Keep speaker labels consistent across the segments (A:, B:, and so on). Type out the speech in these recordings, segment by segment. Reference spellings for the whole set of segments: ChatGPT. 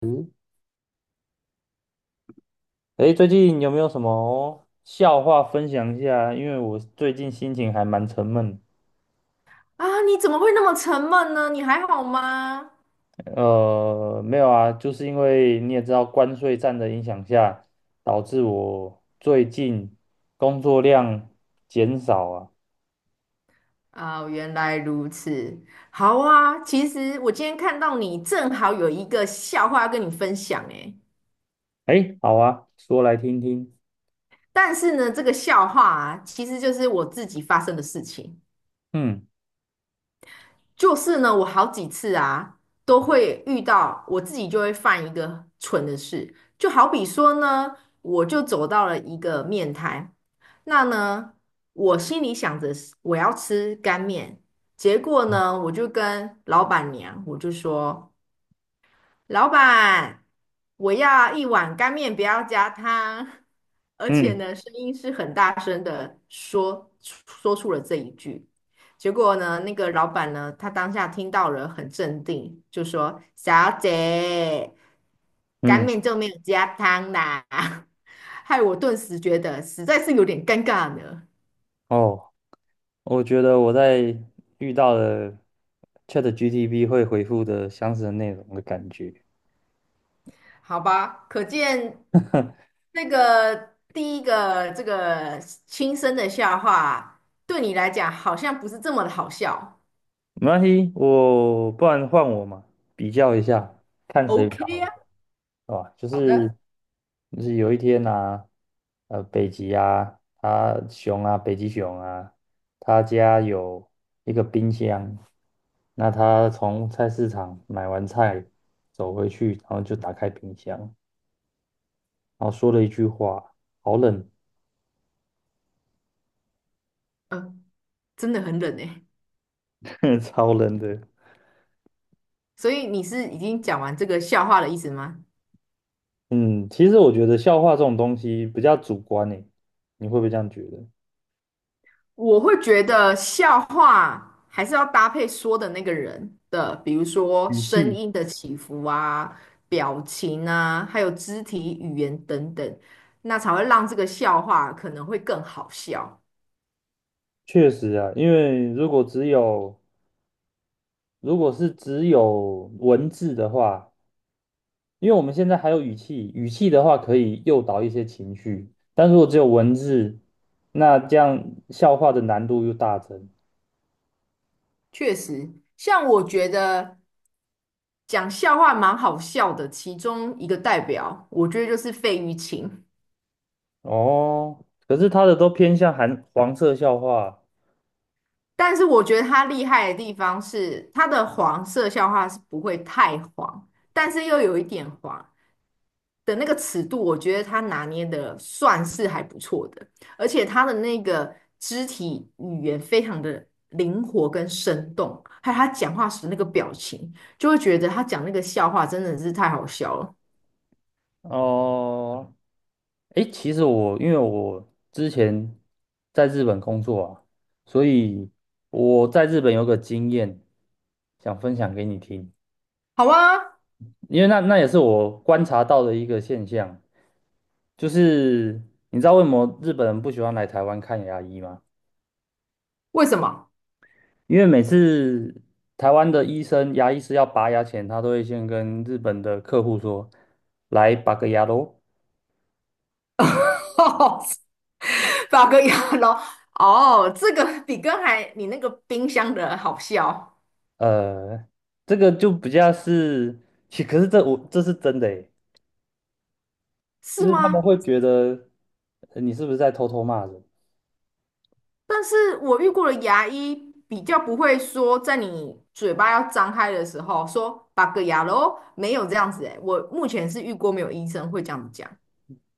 A: 嗯，诶，最近有没有什么笑话分享一下？因为我最近心情还蛮沉闷。
B: 啊，你怎么会那么沉闷呢？你还好吗？
A: 没有啊，就是因为你也知道关税战的影响下，导致我最近工作量减少啊。
B: 啊，原来如此。好啊，其实我今天看到你正好有一个笑话要跟你分享诶，
A: 诶，好啊，说来听听。
B: 但是呢，这个笑话啊，其实就是我自己发生的事情。
A: 嗯
B: 就是呢，我好几次啊，都会遇到我自己就会犯一个蠢的事，就好比说呢，我就走到了一个面摊，那呢，我心里想着是我要吃干面，结果呢，我就跟老板娘说。老板，我要一碗干面，不要加汤。而且
A: 嗯
B: 呢，声音是很大声的说出了这一句。结果呢，那个老板呢，他当下听到了，很镇定，就说："小姐，干
A: 嗯，
B: 面就没有加汤啦。害我顿时觉得实在是有点尴尬呢。
A: 哦，我觉得我在遇到了 ChatGPT 会回复的相似的内容的感觉。
B: 好吧，可见那个第一个这个轻声的笑话，对你来讲好像不是这么的好笑。
A: 没关系，我不然换我嘛，比较一下，看谁比较好，
B: OK 啊，
A: 对吧？就
B: 好
A: 是
B: 的，
A: 就是有一天啊，北极熊啊，他家有一个冰箱，那他从菜市场买完菜走回去，然后就打开冰箱，然后说了一句话："好冷，
B: 嗯，真的很冷诶。
A: 超冷的。"
B: 所以你是已经讲完这个笑话的意思吗？
A: 嗯，其实我觉得笑话这种东西比较主观诶，你会不会这样觉得？
B: 我会觉得笑话还是要搭配说的那个人的，比如说
A: 语
B: 声
A: 气。
B: 音的起伏啊、表情啊，还有肢体语言等等，那才会让这个笑话可能会更好笑。
A: 确实啊，因为如果是只有文字的话，因为我们现在还有语气，语气的话可以诱导一些情绪，但如果只有文字，那这样笑话的难度又大增。
B: 确实，像我觉得讲笑话蛮好笑的，其中一个代表，我觉得就是费玉清。
A: 哦，可是他的都偏向含黄色笑话。
B: 但是我觉得他厉害的地方是，他的黄色笑话是不会太黄，但是又有一点黄的那个尺度，我觉得他拿捏的算是还不错的。而且他的那个肢体语言非常的灵活跟生动，还有他讲话时那个表情，就会觉得他讲那个笑话真的是太好笑了。
A: 哦，诶，其实我因为我之前在日本工作啊，所以我在日本有个经验，想分享给你听。
B: 好啊，
A: 因为那也是我观察到的一个现象，就是你知道为什么日本人不喜欢来台湾看牙医吗？
B: 为什么？
A: 因为每次台湾的医生、牙医是要拔牙前，他都会先跟日本的客户说："来拔个牙喽。"
B: 哦，法国洋哦，这个比刚才你那个冰箱的好笑，
A: 呃，这个就比较是，可是这我这是真的诶，就
B: 是
A: 是他们
B: 吗？
A: 会觉得你是不是在偷偷骂人？
B: 但是我遇过的牙医比较不会说，在你嘴巴要张开的时候说"八个牙咯没有这样子诶，我目前是遇过没有医生会这样子讲。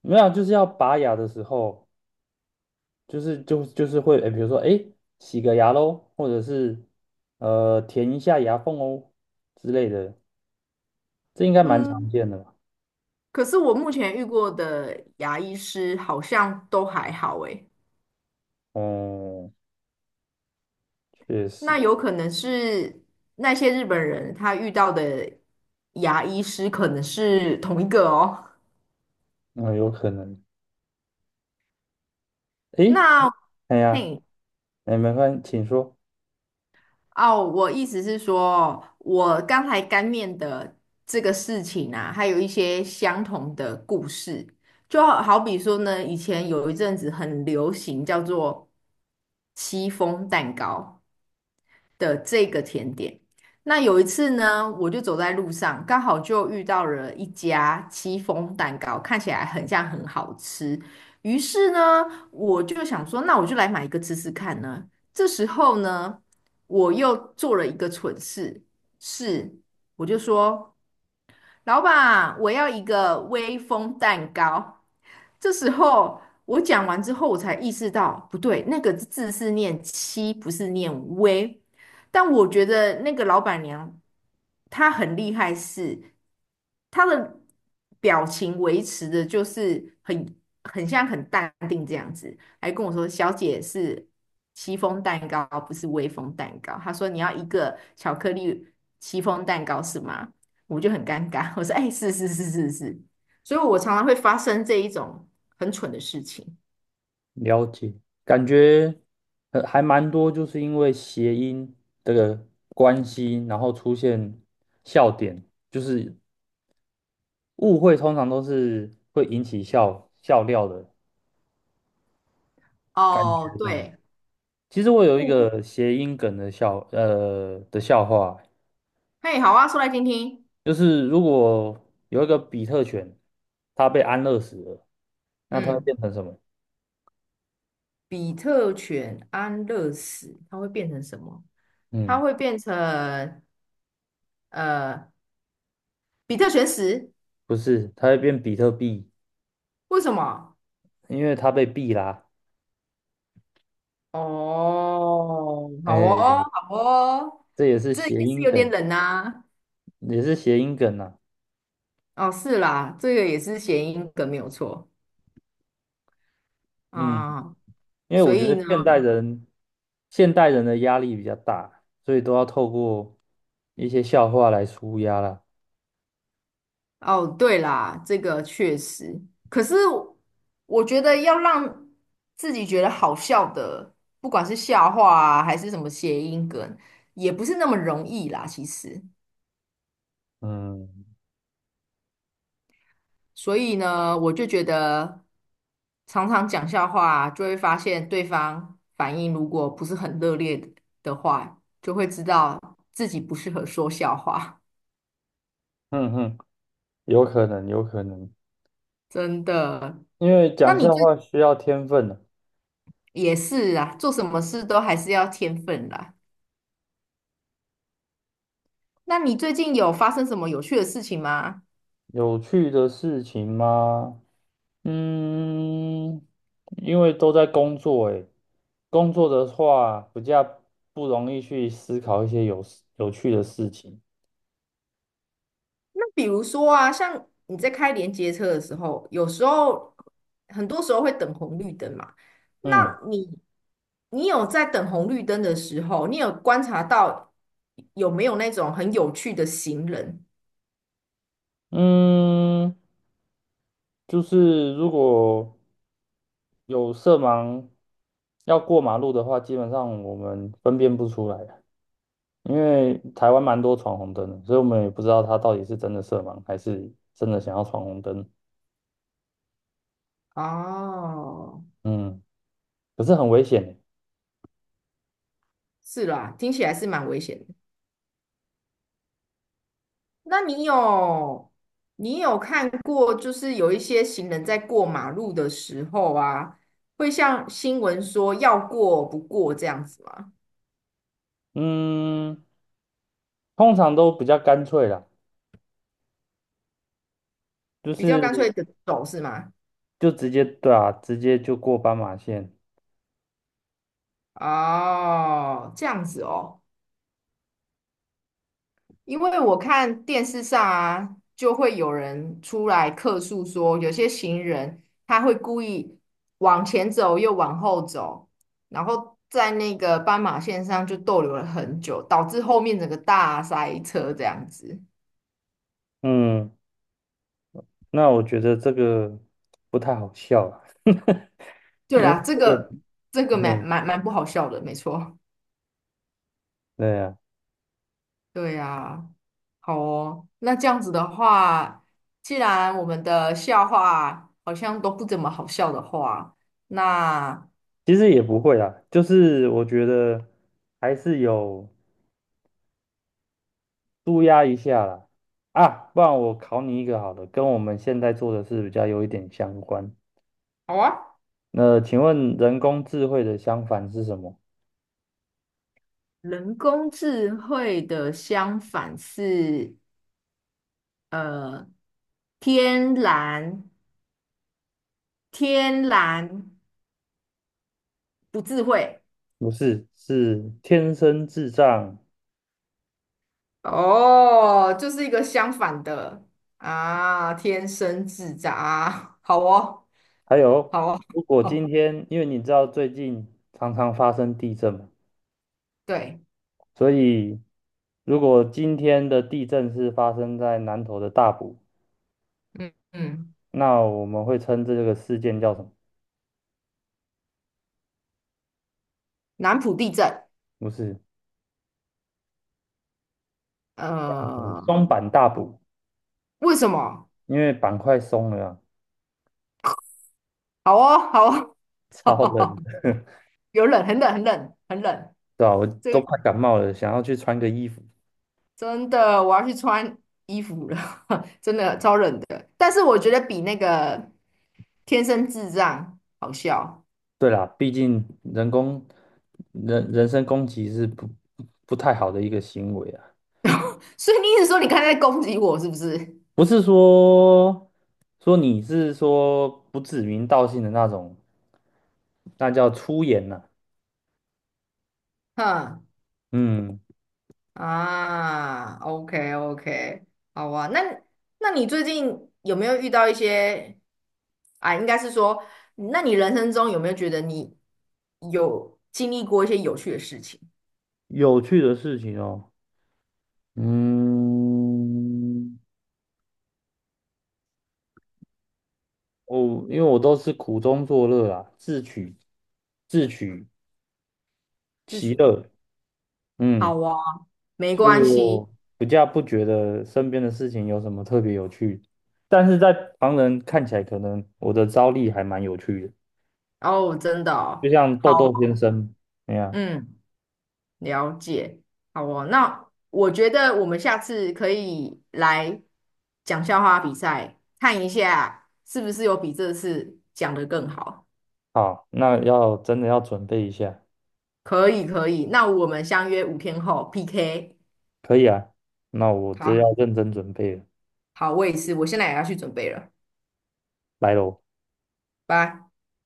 A: 没有啊，就是要拔牙的时候。就是会，哎，比如说，哎，洗个牙喽，或者是填一下牙缝哦之类的，这应该蛮
B: 嗯，
A: 常见的吧？
B: 可是我目前遇过的牙医师好像都还好哎。
A: 哦，确实，
B: 那有可能是那些日本人他遇到的牙医师可能是同一个哦。
A: 嗯，有可能。哎，
B: 那
A: 哎呀，
B: 嘿
A: 哎，没关系，请说。
B: 哦，我意思是说，我刚才干面的这个事情啊，还有一些相同的故事，就好比说呢，以前有一阵子很流行叫做戚风蛋糕。的这个甜点。那有一次呢，我就走在路上，刚好就遇到了一家戚风蛋糕，看起来很像很好吃。于是呢，我就想说，那我就来买一个吃吃看呢。这时候呢，我又做了一个蠢事，是我就说老板，我要一个威风蛋糕。这时候我讲完之后，我才意识到不对，那个字是念七，不是念微。但我觉得那个老板娘她很厉害是，她的表情维持的就是很像很淡定这样子，还跟我说："小姐是戚风蛋糕，不是威风蛋糕。"她说："你要一个巧克力戚风蛋糕是吗？"我就很尴尬。我说："哎，是是是是是。"所以，我常常会发生这一种很蠢的事情。
A: 了解，感觉还蛮多，就是因为谐音这个关系，然后出现笑点，就是误会，通常都是会引起笑料的感
B: 哦，
A: 觉上。
B: 对，
A: 其实我有一
B: 物，
A: 个谐音梗的笑话，
B: 嘿，好啊，说来听听。
A: 就是如果有一个比特犬，它被安乐死了，那它会
B: 嗯，
A: 变成什么？
B: 比特犬安乐死，它会变成什么？它
A: 嗯，
B: 会变成呃，比特犬死？
A: 不是，它会变比特币，
B: 为什么？
A: 因为它被币啦。
B: 哦，好
A: 哎，
B: 哦，好哦，
A: 这也是
B: 这
A: 谐
B: 也是
A: 音
B: 有点
A: 梗，
B: 冷呐、
A: 也是谐音梗呐、
B: 哦，是啦，这个也是谐音梗，没有错
A: 嗯，
B: 啊。
A: 因为
B: 所
A: 我觉
B: 以
A: 得
B: 呢？
A: 现代人的压力比较大，所以都要透过一些笑话来舒压啦。
B: 哦，对啦，这个确实。可是我觉得要让自己觉得好笑的，不管是笑话啊，还是什么谐音梗，也不是那么容易啦，其实。
A: 嗯
B: 所以呢，我就觉得常常讲笑话，就会发现对方反应如果不是很热烈的话，就会知道自己不适合说笑话，
A: 哼哼，有可能，有可能。
B: 真的。
A: 因为
B: 那
A: 讲
B: 你
A: 笑
B: 这
A: 话需要天分啊
B: 也是啊，做什么事都还是要天分啦。那你最近有发生什么有趣的事情吗？
A: 有趣的事情吗？嗯，因为都在工作诶，工作的话比较不容易去思考一些有趣的事情。
B: 那比如说啊，像你在开连接车的时候，有时候很多时候会等红绿灯嘛。
A: 嗯
B: 那你你有在等红绿灯的时候，你有观察到有没有那种很有趣的行人？
A: 嗯，就是如果有色盲要过马路的话，基本上我们分辨不出来啊，因为台湾蛮多闯红灯的，所以我们也不知道他到底是真的色盲还是真的想要闯红灯。
B: 哦，
A: 嗯。可是很危险欸。
B: 是啦，听起来是蛮危险的。那你有看过，就是有一些行人在过马路的时候啊，会像新闻说要过不过这样子吗？
A: 嗯，通常都比较干脆啦，就
B: 比较干
A: 是
B: 脆的走是吗？
A: 就直接对啊，直接就过斑马线。
B: 哦，这样子哦。因为我看电视上啊，就会有人出来客诉说，有些行人他会故意往前走又往后走，然后在那个斑马线上就逗留了很久，导致后面整个大塞车这样子。
A: 嗯，那我觉得这个不太好笑啦，
B: 对
A: 因为
B: 啦，这
A: 这个，
B: 个这个蛮
A: 嗯，
B: 蛮蛮不好笑的，没错。
A: 对啊，
B: 对呀，好哦。那这样子的话，既然我们的笑话好像都不怎么好笑的话，那
A: 其实也不会啦，就是我觉得还是有舒压一下啦。啊，不然我考你一个好了，跟我们现在做的事比较有一点相关。
B: 好啊。
A: 那请问人工智慧的相反是什么？
B: 人工智慧的相反是呃天然天然不智慧
A: 不是，是天生智障。
B: 哦，就是一个相反的啊，天生智障啊，好哦，
A: 还有，
B: 好哦，
A: 如果今
B: 好，
A: 天，因为你知道最近常常发生地震嘛，
B: 对，
A: 所以如果今天的地震是发生在南投的大埔，
B: 嗯嗯，
A: 那我们会称这个事件叫什么？
B: 南浦地震，
A: 不是，
B: 呃，
A: 松板大补，
B: 为什么？
A: 因为板块松了啊，
B: 好哦，好
A: 超
B: 哦，
A: 冷 的，
B: 有冷，很冷，很冷，很冷。
A: 对吧？我
B: 这
A: 都
B: 个。
A: 快感冒了，想要去穿个衣服。
B: 真的，我要去穿衣服了，真的超冷的。但是我觉得比那个天生智障好笑。
A: 对啦，毕竟人工人人身攻击是不太好的一个行为啊。
B: 所以你一直说你刚才在攻击我是不是？
A: 不是说你是说不指名道姓的那种，那叫粗言呐、
B: 哼
A: 嗯，
B: 啊，OK OK,好啊。那你最近有没有遇到一些啊？应该是说，那你人生中有没有觉得你有经历过一些有趣的事情？
A: 有趣的事情哦。嗯，我因为我都是苦中作乐啊，自取
B: 是
A: 其
B: 学
A: 乐。嗯，
B: 好啊，没
A: 所以
B: 关系
A: 我比较不觉得身边的事情有什么特别有趣，但是在旁人看起来，可能我的招力还蛮有趣的，
B: 哦，真的
A: 就
B: 哦
A: 像
B: 好，
A: 豆豆先生那样。
B: 嗯。了解，好哦。那我觉得我们下次可以来讲笑话比赛，看一下是不是有比这次讲得更好。
A: 好，那要真的要准备一下，
B: 可以，可以。那我们相约5天后 PK。
A: 可以啊。那我这
B: 好，
A: 要认真准备了，
B: 好，我也是，我现在也要去准备了，
A: 来喽。
B: 拜。